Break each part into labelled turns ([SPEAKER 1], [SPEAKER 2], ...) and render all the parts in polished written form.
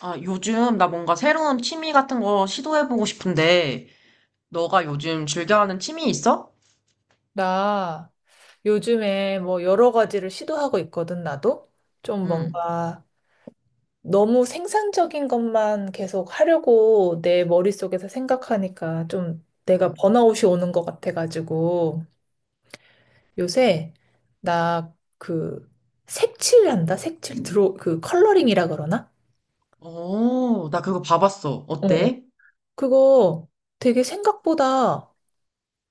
[SPEAKER 1] 아, 요즘 나 뭔가 새로운 취미 같은 거 시도해보고 싶은데, 너가 요즘 즐겨하는 취미 있어?
[SPEAKER 2] 나 요즘에 뭐 여러 가지를 시도하고 있거든, 나도. 좀
[SPEAKER 1] 응,
[SPEAKER 2] 뭔가 너무 생산적인 것만 계속 하려고 내 머릿속에서 생각하니까 좀 내가
[SPEAKER 1] 응.
[SPEAKER 2] 번아웃이 오는 것 같아가지고 요새 나 그 색칠한다? 색칠 드로 그 컬러링이라 그러나?
[SPEAKER 1] 오, 나 그거 봐봤어.
[SPEAKER 2] 어, 어.
[SPEAKER 1] 어때?
[SPEAKER 2] 그거 되게 생각보다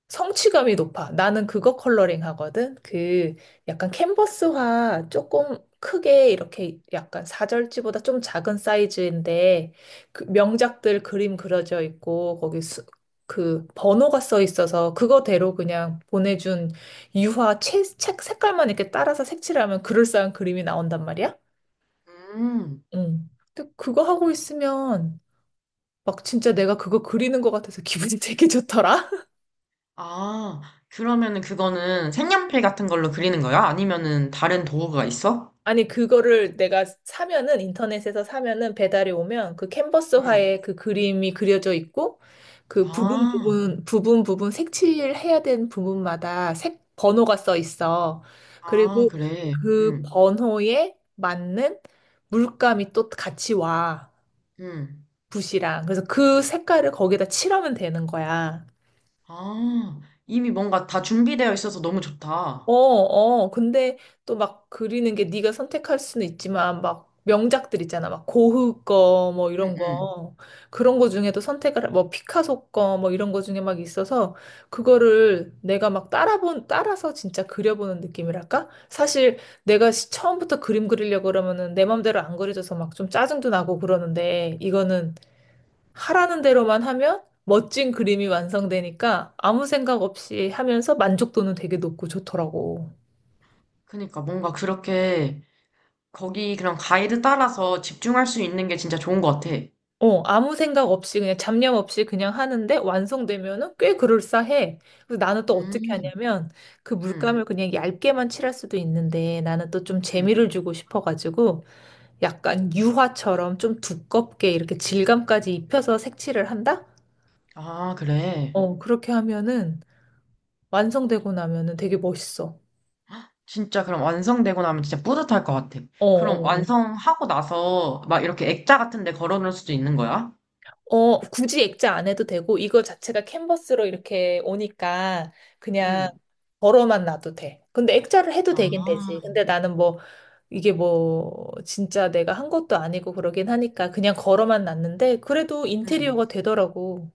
[SPEAKER 2] 성취감이 높아. 나는 그거 컬러링 하거든. 그 약간 캔버스화 조금 크게 이렇게 약간 사절지보다 좀 작은 사이즈인데 그 명작들 그림 그려져 있고 거기 그 번호가 써 있어서 그거대로 그냥 보내준 유화 책 색깔만 이렇게 따라서 색칠하면 그럴싸한 그림이 나온단 말이야.
[SPEAKER 1] 음,
[SPEAKER 2] 응. 근데 그거 하고 있으면 막 진짜 내가 그거 그리는 것 같아서 기분이 되게 좋더라.
[SPEAKER 1] 아, 그러면은 그거는 색연필 같은 걸로 그리는 거야? 아니면은 다른 도구가 있어?
[SPEAKER 2] 아니, 그거를 내가 사면은, 인터넷에서 사면은 배달이 오면 그
[SPEAKER 1] 응.
[SPEAKER 2] 캔버스화에 그 그림이 그려져 있고, 그 부분
[SPEAKER 1] 아,
[SPEAKER 2] 부분, 부분 부분 색칠해야 되는 부분마다 번호가 써 있어.
[SPEAKER 1] 아,
[SPEAKER 2] 그리고
[SPEAKER 1] 그래.
[SPEAKER 2] 그
[SPEAKER 1] 응,
[SPEAKER 2] 번호에 맞는 물감이 또 같이 와.
[SPEAKER 1] 응.
[SPEAKER 2] 붓이랑. 그래서 그 색깔을 거기다 칠하면 되는 거야.
[SPEAKER 1] 아, 이미 뭔가 다 준비되어 있어서 너무
[SPEAKER 2] 어,
[SPEAKER 1] 좋다.
[SPEAKER 2] 어. 근데 또 막 그리는 게 네가 선택할 수는 있지만 막 명작들 있잖아. 막 고흐 거 뭐
[SPEAKER 1] 응,
[SPEAKER 2] 이런
[SPEAKER 1] 응.
[SPEAKER 2] 거. 그런 거 중에도 선택을 뭐 피카소 거 뭐 이런 거 중에 막 있어서 그거를 내가 막 따라본 따라서 진짜 그려보는 느낌이랄까? 사실 내가 처음부터 그림 그리려고 그러면은 내 맘대로 안 그려져서 막 좀 짜증도 나고 그러는데 이거는 하라는 대로만 하면 멋진 그림이 완성되니까 아무 생각 없이 하면서 만족도는 되게 높고 좋더라고.
[SPEAKER 1] 그니까 뭔가 그렇게 거기 그런 가이드 따라서 집중할 수 있는 게 진짜 좋은 것 같아.
[SPEAKER 2] 어, 아무 생각 없이 그냥 잡념 없이 그냥 하는데 완성되면은 꽤 그럴싸해. 그래서 나는 또 어떻게
[SPEAKER 1] 음,
[SPEAKER 2] 하냐면 그
[SPEAKER 1] 음,
[SPEAKER 2] 물감을 그냥 얇게만 칠할 수도 있는데 나는 또 좀
[SPEAKER 1] 음.
[SPEAKER 2] 재미를 주고 싶어가지고 약간 유화처럼 좀 두껍게 이렇게 질감까지 입혀서 색칠을 한다?
[SPEAKER 1] 아, 그래.
[SPEAKER 2] 어, 그렇게 하면은 완성되고 나면은 되게 멋있어.
[SPEAKER 1] 진짜 그럼 완성되고 나면 진짜 뿌듯할 것 같아.
[SPEAKER 2] 어,
[SPEAKER 1] 그럼
[SPEAKER 2] 어, 어.
[SPEAKER 1] 완성하고 나서 막 이렇게 액자 같은 데 걸어놓을 수도 있는 거야?
[SPEAKER 2] 어, 굳이 액자 안 해도 되고, 이거 자체가 캔버스로 이렇게 오니까 그냥
[SPEAKER 1] 음.
[SPEAKER 2] 걸어만 놔도 돼. 근데 액자를 해도 되긴 되지.
[SPEAKER 1] 아,
[SPEAKER 2] 근데 나는 뭐, 이게 뭐, 진짜 내가 한 것도 아니고 그러긴 하니까 그냥 걸어만 놨는데, 그래도
[SPEAKER 1] 음.
[SPEAKER 2] 인테리어가 되더라고.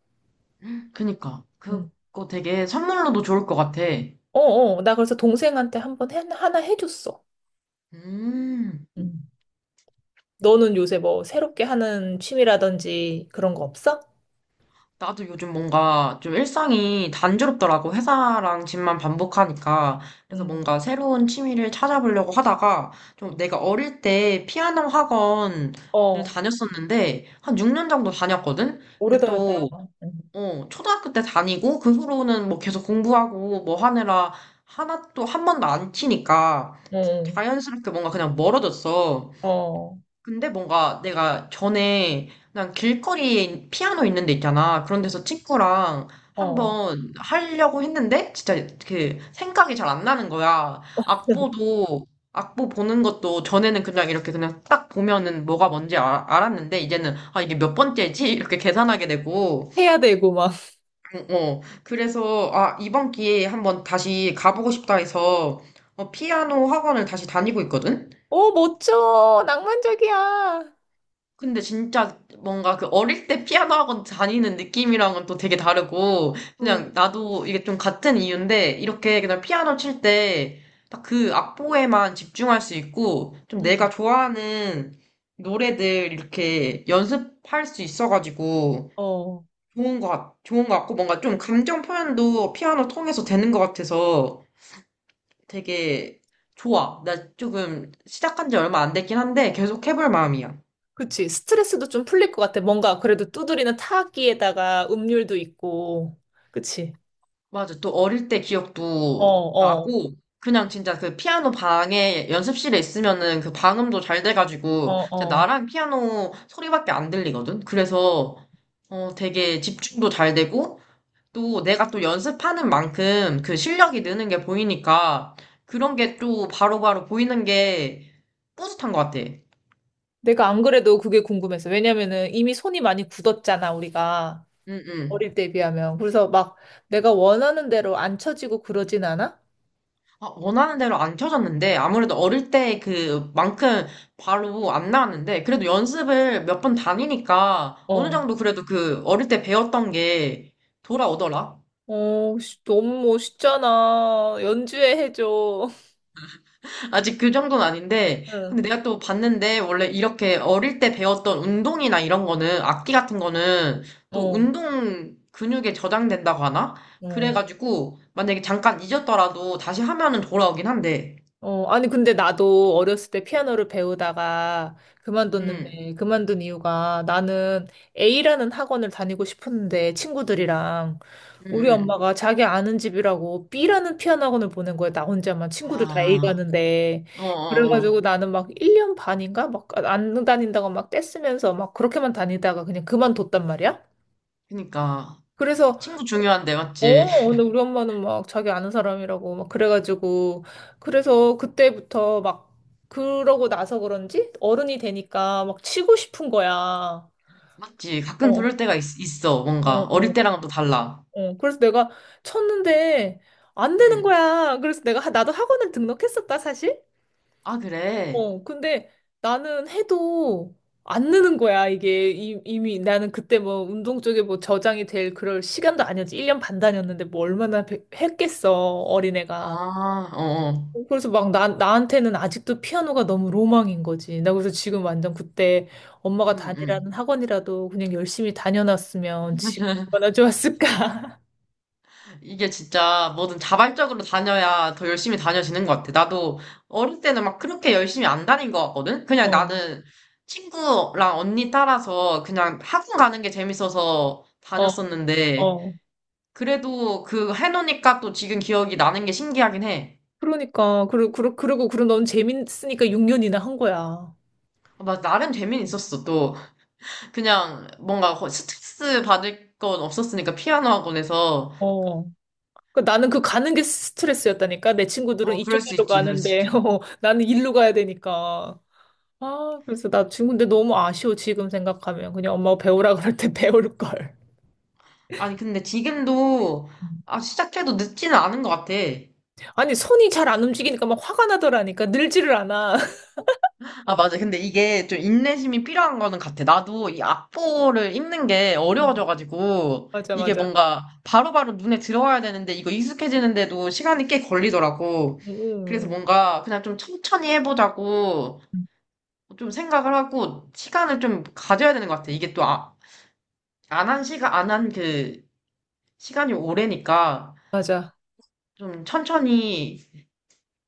[SPEAKER 1] 그니까.
[SPEAKER 2] 응.
[SPEAKER 1] 그거 되게 선물로도 좋을 것 같아.
[SPEAKER 2] 어, 어. 나 그래서 동생한테 한번 하나 해줬어.
[SPEAKER 1] 음.
[SPEAKER 2] 음. 너는 요새 뭐, 새롭게 하는 취미라든지 그런 거 없어?
[SPEAKER 1] 나도 요즘 뭔가 좀 일상이 단조롭더라고. 회사랑 집만 반복하니까. 그래서
[SPEAKER 2] 응.
[SPEAKER 1] 뭔가 새로운 취미를 찾아보려고 하다가 좀 내가 어릴 때 피아노 학원을
[SPEAKER 2] 어,
[SPEAKER 1] 다녔었는데 한 6년 정도 다녔거든? 근데
[SPEAKER 2] 오래다녔다.
[SPEAKER 1] 또,
[SPEAKER 2] 응.
[SPEAKER 1] 어, 초등학교 때 다니고 그 후로는 뭐 계속 공부하고 뭐 하느라 하나 또 한 번도 안 치니까
[SPEAKER 2] 응.
[SPEAKER 1] 자연스럽게 뭔가 그냥 멀어졌어.
[SPEAKER 2] 어,
[SPEAKER 1] 근데 뭔가 내가 전에 난 길거리에 피아노 있는 데 있잖아. 그런 데서 친구랑
[SPEAKER 2] 어.
[SPEAKER 1] 한번 하려고 했는데 진짜 그 생각이 잘 안 나는 거야. 악보도 악보 보는 것도 전에는 그냥 이렇게 그냥 딱 보면은 뭐가 뭔지 알았는데 이제는 아 이게 몇 번째지? 이렇게 계산하게 되고
[SPEAKER 2] 해야 되고 막.
[SPEAKER 1] 어, 어. 그래서 아 이번 기회에 한번 다시 가보고 싶다 해서 어, 피아노 학원을 다시 다니고 있거든.
[SPEAKER 2] 오 멋져. 낭만적이야.
[SPEAKER 1] 근데 진짜 뭔가 그 어릴 때 피아노 학원 다니는 느낌이랑은 또 되게 다르고,
[SPEAKER 2] 어,
[SPEAKER 1] 그냥 나도 이게 좀 같은 이유인데, 이렇게 그냥 피아노 칠 때, 딱 그 악보에만 집중할 수 있고, 좀 내가
[SPEAKER 2] 음.
[SPEAKER 1] 좋아하는 노래들 이렇게 연습할 수 있어가지고,
[SPEAKER 2] 어.
[SPEAKER 1] 좋은 것, 좋은 것 같고, 뭔가 좀 감정 표현도 피아노 통해서 되는 것 같아서 되게 좋아. 나 조금 시작한 지 얼마 안 됐긴 한데, 계속 해볼 마음이야.
[SPEAKER 2] 그치. 스트레스도 좀 풀릴 것 같아. 뭔가 그래도 두드리는 타악기에다가 음률도 있고. 그치.
[SPEAKER 1] 맞아. 또 어릴 때
[SPEAKER 2] 어,
[SPEAKER 1] 기억도
[SPEAKER 2] 어,
[SPEAKER 1] 나고, 그냥 진짜 그 피아노 방에 연습실에 있으면은 그 방음도 잘
[SPEAKER 2] 어,
[SPEAKER 1] 돼가지고, 진짜
[SPEAKER 2] 어.
[SPEAKER 1] 나랑 피아노 소리밖에 안 들리거든? 그래서, 어, 되게 집중도 잘 되고, 또 내가 또 연습하는 만큼 그 실력이 느는 게 보이니까, 그런 게 또 바로바로 보이는 게 뿌듯한 것 같아.
[SPEAKER 2] 내가 안 그래도 그게 궁금해서. 왜냐면은 이미 손이 많이 굳었잖아, 우리가.
[SPEAKER 1] 응, 응.
[SPEAKER 2] 어릴 때에 비하면. 그래서 막 내가 원하는 대로 안 쳐지고 그러진 않아?
[SPEAKER 1] 아, 원하는 대로 안 켜졌는데, 아무래도 어릴 때 그만큼 바로 안 나왔는데, 그래도 연습을 몇 번 다니니까, 어느
[SPEAKER 2] 어.
[SPEAKER 1] 정도 그래도 그 어릴 때 배웠던 게 돌아오더라?
[SPEAKER 2] 어, 씨, 너무 멋있잖아. 연주해 해줘.
[SPEAKER 1] 아직 그 정도는 아닌데, 근데 내가 또 봤는데, 원래 이렇게 어릴 때 배웠던 운동이나 이런 거는, 악기 같은 거는,
[SPEAKER 2] 응.
[SPEAKER 1] 또
[SPEAKER 2] 어,
[SPEAKER 1] 운동 근육에 저장된다고 하나?
[SPEAKER 2] 어.
[SPEAKER 1] 그래가지고, 만약에 잠깐 잊었더라도 다시 하면은 돌아오긴 한데,
[SPEAKER 2] 어, 아니, 근데 나도 어렸을 때 피아노를 배우다가
[SPEAKER 1] 음,
[SPEAKER 2] 그만뒀는데, 그만둔 이유가 나는 A라는 학원을 다니고 싶었는데, 친구들이랑.
[SPEAKER 1] 음,
[SPEAKER 2] 우리
[SPEAKER 1] 음.
[SPEAKER 2] 엄마가 자기 아는 집이라고 B라는 피아노 학원을 보낸 거야. 나 혼자만 친구들 다 A
[SPEAKER 1] 아,
[SPEAKER 2] 가는데. 그래가지고
[SPEAKER 1] 어어어.
[SPEAKER 2] 나는 막 1년 반인가? 막 안 다닌다고 막 떼쓰면서 막 그렇게만 다니다가 그냥 그만뒀단 말이야.
[SPEAKER 1] 그니까
[SPEAKER 2] 그래서
[SPEAKER 1] 친구 중요한데 맞지?
[SPEAKER 2] 어, 근데 우리 엄마는 막 자기 아는 사람이라고 막 그래가지고 그래서 그때부터 막 그러고 나서 그런지 어른이 되니까 막 치고 싶은 거야. 어,
[SPEAKER 1] 맞지? 가끔
[SPEAKER 2] 어,
[SPEAKER 1] 그럴 때가 있어 뭔가
[SPEAKER 2] 어,
[SPEAKER 1] 어릴 때랑은 또 달라.
[SPEAKER 2] 어. 그래서 내가 쳤는데 안 되는
[SPEAKER 1] 응.
[SPEAKER 2] 거야. 그래서 내가 나도 학원을 등록했었다, 사실.
[SPEAKER 1] 아 그래?
[SPEAKER 2] 어, 근데 나는 해도 안 느는 거야, 이게. 이미 나는 그때 뭐 운동 쪽에 뭐 저장이 될 그럴 시간도 아니었지. 1년 반 다녔는데 뭐 얼마나 했겠어, 어린애가.
[SPEAKER 1] 아 어어.
[SPEAKER 2] 그래서 막 나한테는 아직도 피아노가 너무 로망인 거지. 나 그래서 지금 완전 그때 엄마가
[SPEAKER 1] 응응.
[SPEAKER 2] 다니라는 학원이라도 그냥 열심히 다녀놨으면 지금 얼마나 좋았을까.
[SPEAKER 1] 이게 진짜 뭐든 자발적으로 다녀야 더 열심히 다녀지는 것 같아. 나도 어릴 때는 막 그렇게 열심히 안 다닌 것 같거든? 그냥
[SPEAKER 2] 어,
[SPEAKER 1] 나는 친구랑 언니 따라서 그냥 학원 가는 게 재밌어서
[SPEAKER 2] 어,
[SPEAKER 1] 다녔었는데,
[SPEAKER 2] 어.
[SPEAKER 1] 그래도 그 해놓으니까 또 지금 기억이 나는 게 신기하긴 해.
[SPEAKER 2] 그러니까. 그리고 넌 재밌으니까 6년이나 한 거야.
[SPEAKER 1] 막 나름 재미는 있었어, 또. 그냥 뭔가 스트레스 받을 건 없었으니까, 피아노 학원에서.
[SPEAKER 2] 어. 그러니까 나는 그 가는 게 스트레스였다니까. 내 친구들은
[SPEAKER 1] 어, 그럴
[SPEAKER 2] 이쪽
[SPEAKER 1] 수
[SPEAKER 2] 길로
[SPEAKER 1] 있지, 그럴 수
[SPEAKER 2] 가는데,
[SPEAKER 1] 있지.
[SPEAKER 2] 어, 나는 일로 가야 되니까. 아, 그래서 나 지금 근데 너무 아쉬워, 지금 생각하면. 그냥 엄마가 배우라 그럴 때 배울 걸.
[SPEAKER 1] 아니, 근데 지금도, 아, 시작해도 늦지는 않은 것 같아.
[SPEAKER 2] 아니, 손이 잘 안 움직이니까 막 화가 나더라니까. 늘지를 않아.
[SPEAKER 1] 아, 맞아. 근데 이게 좀 인내심이 필요한 거는 같아. 나도 이 악보를 읽는 게
[SPEAKER 2] 어.
[SPEAKER 1] 어려워져가지고,
[SPEAKER 2] 맞아,
[SPEAKER 1] 이게
[SPEAKER 2] 맞아.
[SPEAKER 1] 뭔가 바로바로 눈에 들어와야 되는데, 이거 익숙해지는데도 시간이 꽤 걸리더라고. 그래서
[SPEAKER 2] 음,
[SPEAKER 1] 뭔가 그냥 좀 천천히 해보자고,
[SPEAKER 2] 음.
[SPEAKER 1] 좀 생각을 하고 시간을 좀 가져야 되는 것 같아. 이게 또 아, 안한 시간, 안 한 그 시간이 오래니까
[SPEAKER 2] 맞아.
[SPEAKER 1] 좀 천천히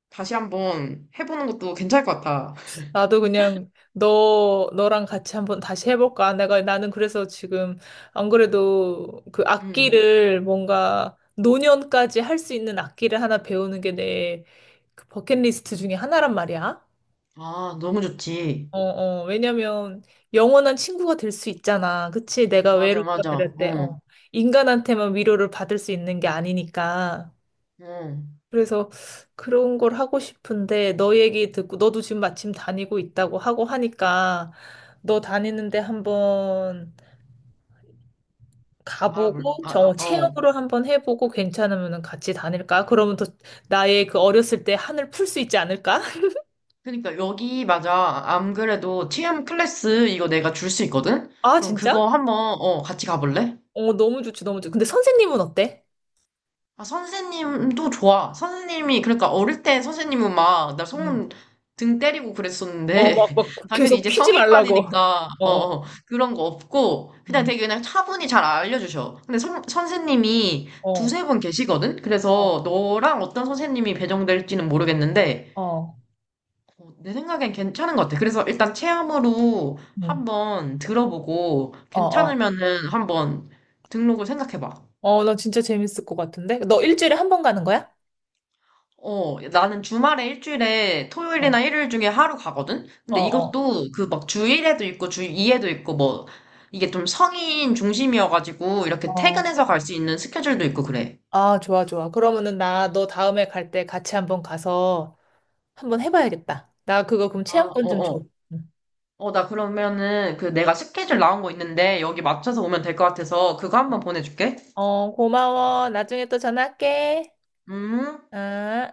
[SPEAKER 1] 다시 한번 해보는 것도 괜찮을 것 같아.
[SPEAKER 2] 나도 그냥 너랑 같이 한번 다시 해볼까? 나는 그래서 지금 안 그래도 그
[SPEAKER 1] 음.
[SPEAKER 2] 악기를 뭔가 노년까지 할 수 있는 악기를 하나 배우는 게 내 그 버킷리스트 중에 하나란 말이야.
[SPEAKER 1] 아, 너무 좋지.
[SPEAKER 2] 어, 어, 왜냐면 영원한 친구가 될 수 있잖아. 그치? 내가
[SPEAKER 1] 맞아,
[SPEAKER 2] 외롭거나
[SPEAKER 1] 맞아.
[SPEAKER 2] 이럴 때,
[SPEAKER 1] 어,
[SPEAKER 2] 어. 인간한테만 위로를 받을 수 있는 게 아니니까.
[SPEAKER 1] 어.
[SPEAKER 2] 그래서 그런 걸 하고 싶은데 너 얘기 듣고 너도 지금 마침 다니고 있다고 하고 하니까 너 다니는데 한번
[SPEAKER 1] 알아볼,
[SPEAKER 2] 가보고
[SPEAKER 1] 아,
[SPEAKER 2] 저
[SPEAKER 1] 어.
[SPEAKER 2] 체험으로 한번 해보고 괜찮으면 같이 다닐까? 그러면 또 나의 그 어렸을 때 한을 풀 수 있지 않을까?
[SPEAKER 1] 그러니까 여기, 맞아. 안 그래도 TM 클래스 이거 내가 줄 수 있거든?
[SPEAKER 2] 아
[SPEAKER 1] 그럼
[SPEAKER 2] 진짜?
[SPEAKER 1] 그거 한번, 어, 같이 가볼래?
[SPEAKER 2] 어 너무 좋지 너무 좋지. 근데 선생님은 어때?
[SPEAKER 1] 아, 선생님도 좋아. 선생님이, 그러니까 어릴 때 선생님은 막, 나
[SPEAKER 2] 음.
[SPEAKER 1] 손 등 때리고 그랬었는데,
[SPEAKER 2] 어막 막 막
[SPEAKER 1] 당연히
[SPEAKER 2] 계속
[SPEAKER 1] 이제
[SPEAKER 2] 피지 말라고.
[SPEAKER 1] 성인반이니까,
[SPEAKER 2] 어.
[SPEAKER 1] 어,
[SPEAKER 2] 어.
[SPEAKER 1] 어, 그런 거 없고, 그냥
[SPEAKER 2] 음.
[SPEAKER 1] 되게 그냥 차분히 잘 알려주셔. 근데 선생님이
[SPEAKER 2] 어.
[SPEAKER 1] 두세 분 계시거든?
[SPEAKER 2] 어.
[SPEAKER 1] 그래서 너랑 어떤 선생님이 배정될지는 모르겠는데,
[SPEAKER 2] 어.
[SPEAKER 1] 어, 내 생각엔 괜찮은 것 같아. 그래서 일단 체험으로
[SPEAKER 2] 음.
[SPEAKER 1] 한번 들어보고,
[SPEAKER 2] 어. 어.
[SPEAKER 1] 괜찮으면은 한번 등록을 생각해봐.
[SPEAKER 2] 어, 나 진짜 재밌을 것 같은데? 너 일주일에 한 번 가는 거야?
[SPEAKER 1] 어, 나는 주말에 일주일에
[SPEAKER 2] 어.
[SPEAKER 1] 토요일이나 일요일 중에 하루 가거든?
[SPEAKER 2] 어,
[SPEAKER 1] 근데
[SPEAKER 2] 어,
[SPEAKER 1] 이것도 그 막 주1에도 있고 주2에도 있고 뭐 이게 좀 성인 중심이어가지고 이렇게
[SPEAKER 2] 어.
[SPEAKER 1] 퇴근해서 갈 수 있는 스케줄도 있고 그래.
[SPEAKER 2] 아, 좋아, 좋아. 그러면은 나 너 다음에 갈 때 같이 한번 가서 한번 해봐야겠다. 나 그거 그럼
[SPEAKER 1] 아,
[SPEAKER 2] 체험권
[SPEAKER 1] 어,
[SPEAKER 2] 좀
[SPEAKER 1] 어.
[SPEAKER 2] 줘. 응.
[SPEAKER 1] 어, 나 그러면은 그 내가 스케줄 나온 거 있는데 여기 맞춰서 오면 될 것 같아서 그거 한번 보내줄게.
[SPEAKER 2] 어, 고마워. 나중에 또 전화할게.
[SPEAKER 1] 음.
[SPEAKER 2] 아.